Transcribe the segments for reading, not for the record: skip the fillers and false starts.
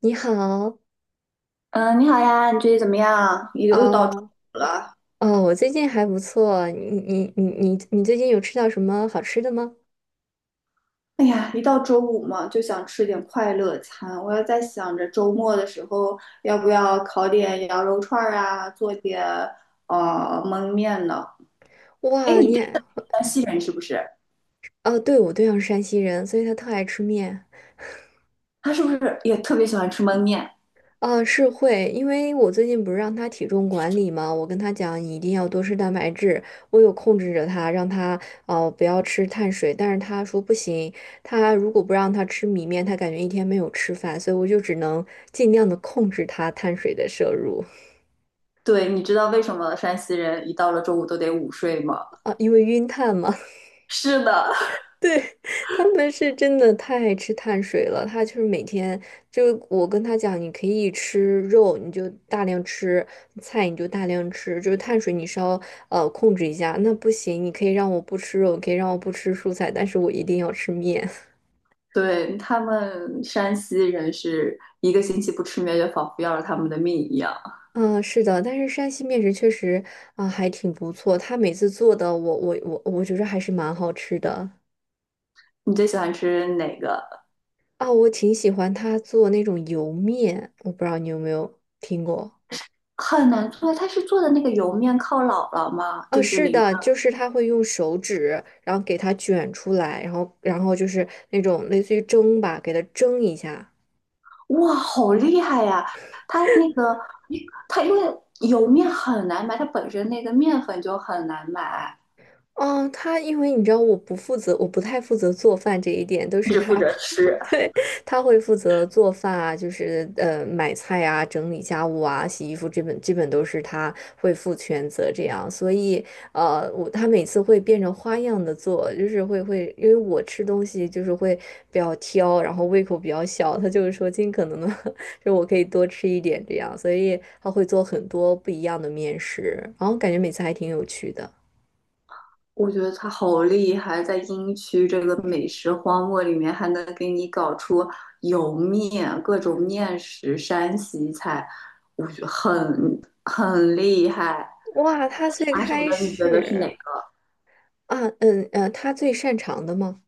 你好。嗯，你好呀，你最近怎么样？又到周啊。五了。哦，我最近还不错。你最近有吃到什么好吃的吗？哎呀，一到周五嘛，就想吃点快乐餐。我要在想着周末的时候，要不要烤点羊肉串儿啊，做点焖面呢？哎，哇，你你对也。山西人是不是？哦，对，我对象是山西人，所以他特爱吃面。他是不是也特别喜欢吃焖面？啊，是会，因为我最近不是让他体重管理吗？我跟他讲你一定要多吃蛋白质，我有控制着他，让他哦不要吃碳水，但是他说不行，他如果不让他吃米面，他感觉一天没有吃饭，所以我就只能尽量的控制他碳水的摄入。对，你知道为什么山西人一到了周五都得午睡吗？啊，因为晕碳嘛。是的。对。他们是真的太爱吃碳水了，他就是每天就我跟他讲，你可以吃肉，你就大量吃菜，你就大量吃，就是碳水你稍控制一下。那不行，你可以让我不吃肉，可以让我不吃蔬菜，但是我一定要吃面。对，他们山西人是一个星期不吃面，就仿佛要了他们的命一样。嗯，是的，但是山西面食确实啊，还挺不错。他每次做的我觉得还是蛮好吃的。你最喜欢吃哪个？啊，我挺喜欢他做那种油面，我不知道你有没有听过。很难做的，他是做的那个油面靠姥姥吗？啊，就是是淋的。的，就是他会用手指，然后给它卷出来，然后，然后就是那种类似于蒸吧，给它蒸一下。哇，好厉害呀！他那个，他因为油面很难买，他本身那个面粉就很难买。哦，他因为你知道我不负责，我不太负责做饭这一点，都是只他。负责吃。对，他会负责做饭啊，就是买菜啊、整理家务啊、洗衣服，基本都是他会负全责这样。所以我他每次会变着花样的做，就是会，因为我吃东西就是会比较挑，然后胃口比较小，他就是说尽可能的，就我可以多吃一点这样，所以他会做很多不一样的面食，然后感觉每次还挺有趣的。我觉得他好厉害，在英区这个美食荒漠里面，还能给你搞出油面、各种面食、山西菜，我觉得很厉害。哇，他最拿手开的你觉得是哪始。个？啊，他最擅长的吗？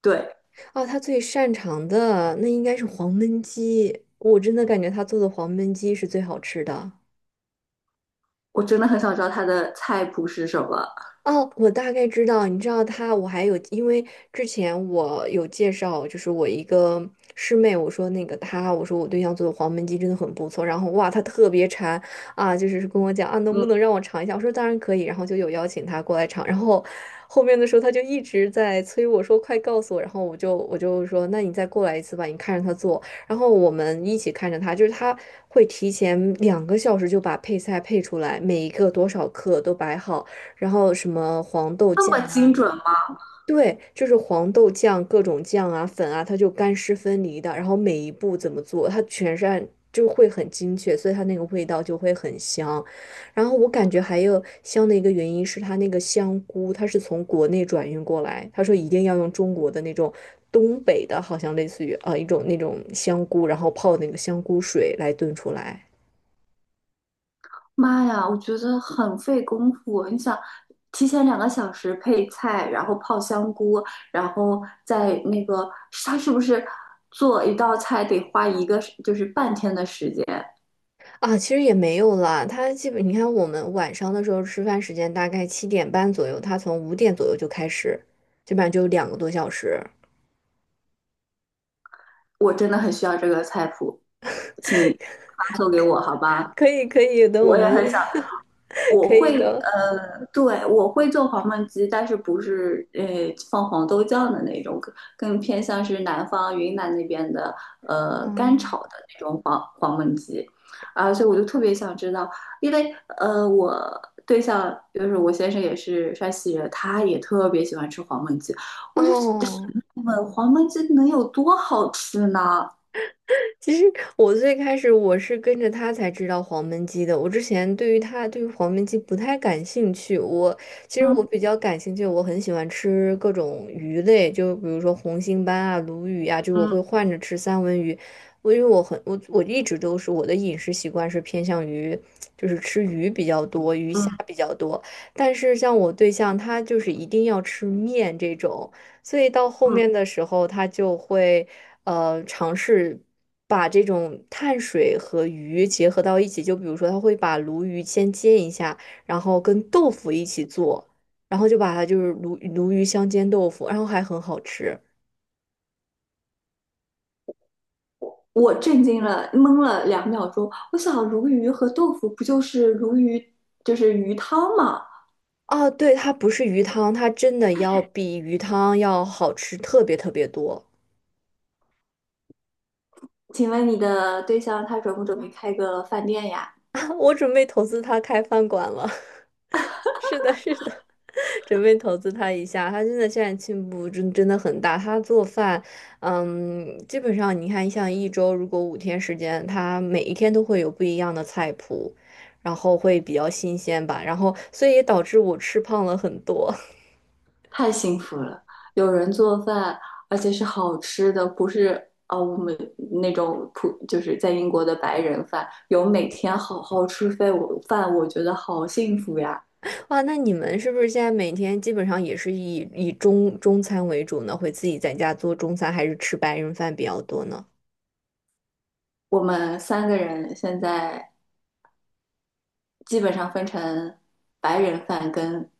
对，啊，他最擅长的那应该是黄焖鸡，我真的感觉他做的黄焖鸡是最好吃的。我真的很想知道他的菜谱是什么。哦，我大概知道，你知道他，我还有，因为之前我有介绍，就是我一个师妹，我说那个她，我说我对象做的黄焖鸡真的很不错，然后哇，她特别馋。啊，就是跟我讲啊，能不嗯，能让我尝一下？我说当然可以，然后就有邀请她过来尝，然后后面的时候她就一直在催我说快告诉我，然后我就说那你再过来一次吧，你看着她做，然后我们一起看着他，就是他会提前2个小时就把配菜配出来，每一个多少克都摆好。然后什么黄豆那酱么啊。精准吗？对，就是黄豆酱、各种酱啊、粉啊，它就干湿分离的。然后每一步怎么做，它全是按，就会很精确，所以它那个味道就会很香。然后我感觉还有香的一个原因是它那个香菇，它是从国内转运过来，他说一定要用中国的那种东北的，好像类似于一种那种香菇，然后泡那个香菇水来炖出来。妈呀，我觉得很费功夫。你想，提前2个小时配菜，然后泡香菇，然后再那个，他是不是做一道菜得花一个就是半天的时间？啊，其实也没有啦。他基本，你看我们晚上的时候吃饭时间大概7点半左右，他从5点左右就开始，基本上就有2个多小时。我真的很需要这个菜谱，请发送给我好吧？可以，可以，等我我也们。 很想。我可以会的。对，我会做黄焖鸡，但是不是放黄豆酱的那种，更偏向是南方云南那边的干嗯。炒的那种黄焖鸡。啊，所以我就特别想知道，因为我对象就是我先生也是山西人，他也特别喜欢吃黄焖鸡，我就哦，问黄焖鸡能有多好吃呢？其实我最开始我是跟着他才知道黄焖鸡的。我之前对于他对于黄焖鸡不太感兴趣。其实我比嗯较感兴趣，我很喜欢吃各种鱼类，就比如说红星斑啊、鲈鱼啊，就我会嗯换着吃三文鱼。我因为我很我我一直都是我的饮食习惯是偏向于就是吃鱼比较多，鱼虾嗯比较多。但是像我对象他就是一定要吃面这种。所以到后面嗯的时候，他就会。尝试把这种碳水和鱼结合到一起。就比如说，他会把鲈鱼先煎一下，然后跟豆腐一起做，然后就把它就是鲈鱼香煎豆腐，然后还很好吃。我震惊了，懵了2秒钟。我想，鲈鱼和豆腐不就是鲈鱼，就是鱼汤吗？啊，对，它不是鱼汤，它真的要比鱼汤要好吃特别特别多。请问你的对象他准不准备开个饭店呀？我准备投资他开饭馆了。是的，是的，准备投资他一下。他真的现在进步真的很大。他做饭，嗯，基本上你看，像一周如果5天时间，他每一天都会有不一样的菜谱，然后会比较新鲜吧。然后，所以也导致我吃胖了很多。太幸福了，有人做饭，而且是好吃的，不是啊，我们那种就是在英国的白人饭，有每天好好吃饭，我觉得好幸福呀。哇，那你们是不是现在每天基本上也是以中餐为主呢？会自己在家做中餐，还是吃白人饭比较多呢？我们三个人现在基本上分成白人饭跟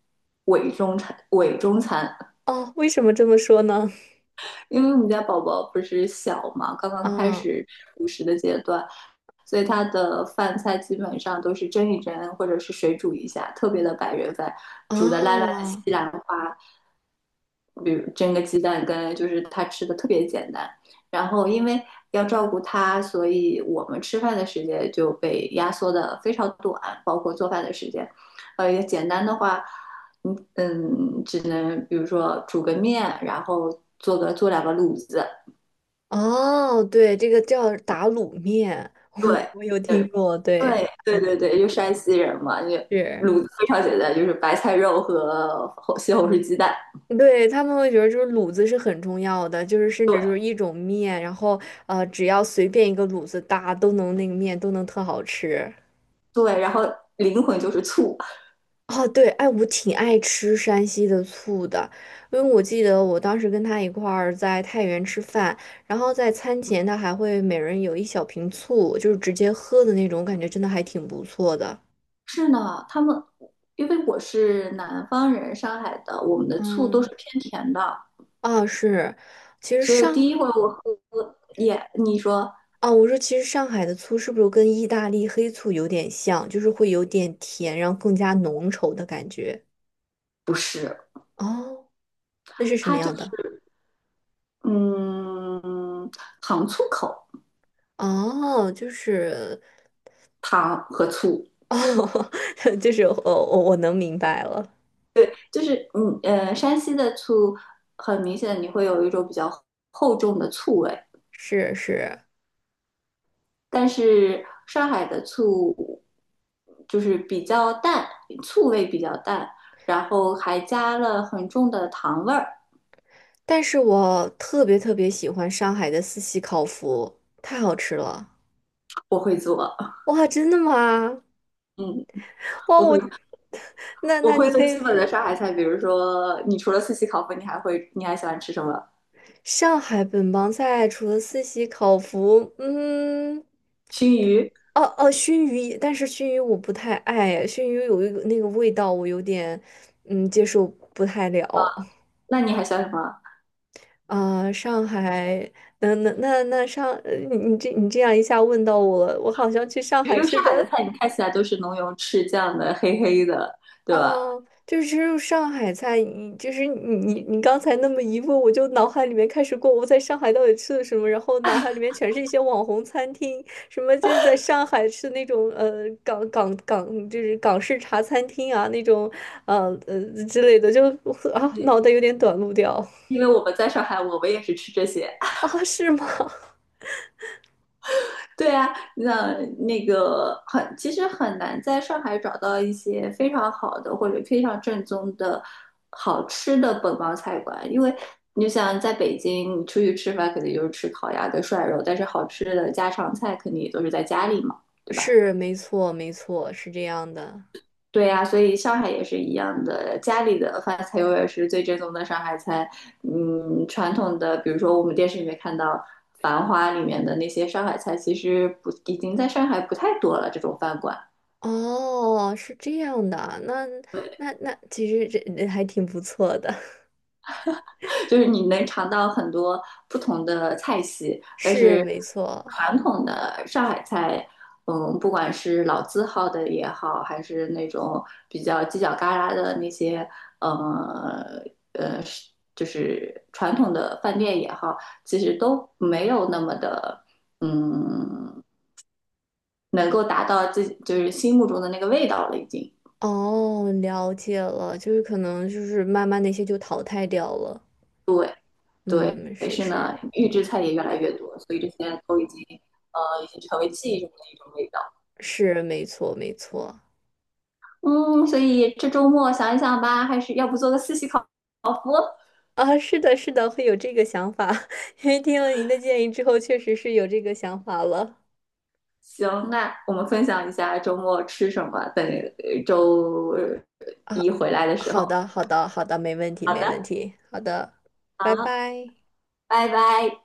伪中餐。哦，为什么这么说呢？因为我们家宝宝不是小嘛，刚刚开啊始辅食的阶段，所以他的饭菜基本上都是蒸一蒸，或者是水煮一下，特别的白人饭，啊。煮的烂烂的哦西兰花，比如蒸个鸡蛋羹，就是他吃的特别简单。然后因为要照顾他，所以我们吃饭的时间就被压缩的非常短，包括做饭的时间。简单的话，只能比如说煮个面，然后做两个卤子。哦，对，这个叫打卤面，对，我有听对，过，对。对，对对嗯，对，就山西人嘛，就是，卤子非常简单，就是白菜肉和红西红柿鸡蛋。对，他们会觉得就是卤子是很重要的，就是甚对至就是一种面，然后只要随便一个卤子搭，都能那个面都能特好吃。对，然后灵魂就是醋。哦，对，哎，我挺爱吃山西的醋的，因为我记得我当时跟他一块儿在太原吃饭，然后在餐前他还会每人有一小瓶醋，就是直接喝的那种，感觉真的还挺不错的。是呢，他们因为我是南方人，上海的，我们的醋都是嗯。偏甜的，啊，是，其实所以第一回上。我喝也，你说啊，我说其实上海的醋是不是跟意大利黑醋有点像，就是会有点甜，然后更加浓稠的感觉。不是，哦，那是什么它就样的？是嗯糖醋口。哦，就是。糖和醋，哦。就是我能明白了。就是山西的醋很明显你会有一种比较厚重的醋味，是，是，但是上海的醋就是比较淡，醋味比较淡，然后还加了很重的糖味儿。但是我特别特别喜欢上海的四喜烤麸，太好吃了。我会做。哇，真的吗？嗯，哇，我会我。 那那您做可以。基本的上海菜，比如说你除了四喜烤鲱，你还喜欢吃什么？上海本帮菜除了四喜、烤麸，嗯。熏鱼？哦哦，熏鱼。也但是熏鱼我不太爱，熏鱼有一个那个味道，我有点接受不太了。那你还喜欢什么？啊、上海，那那那那上，呃你你这你这样一下问到我了，我好像去上因海为吃上海的的。菜你看起来都是浓油赤酱的，黑黑的。哦，就是吃入上海菜，你就是你刚才那么一问，我就脑海里面开始过我在上海到底吃了什么，然后脑海里面全是一些网红餐厅，什么就是在上海吃那种港港港就是港式茶餐厅啊那种呃呃之类的，就 啊对，脑袋有点短路掉。 因为我们在上海，我们也是吃这些。啊，是吗？对啊，那个很，其实很难在上海找到一些非常好的或者非常正宗的好吃的本帮菜馆，因为你想在北京，你出去吃饭肯定就是吃烤鸭跟涮肉，但是好吃的家常菜肯定也都是在家里嘛，对吧？是，没错，没错，是这样的。对呀，所以上海也是一样的，家里的饭菜永远是最正宗的上海菜。嗯，传统的，比如说我们电视里面看到《繁花》里面的那些上海菜，其实不，已经在上海不太多了，这种饭馆。哦，是这样的啊，那其实这还挺不错的。就是你能尝到很多不同的菜系，但是是没错。传统的上海菜，嗯，不管是老字号的也好，还是那种比较犄角旮旯的那些，呃呃，是就是传统的饭店也好，其实都没有那么的，嗯，能够达到自己就是心目中的那个味道了，已经。哦，了解了，就是可能就是慢慢那些就淘汰掉了。对，嗯，但是是是呢，预制菜也越来越多，所以这些都已经，已经成为记忆中的一种味道。是，没错没错。嗯，所以这周末想一想吧，还是要不做个四喜烤麸？啊，是的，是的，会有这个想法，因为听了您的建议之后，确实是有这个想法了。行，那我们分享一下周末吃什么，等周啊，一回来的时候。好的，好的，好的，没问题，好没的，问题。好的，拜拜。拜拜。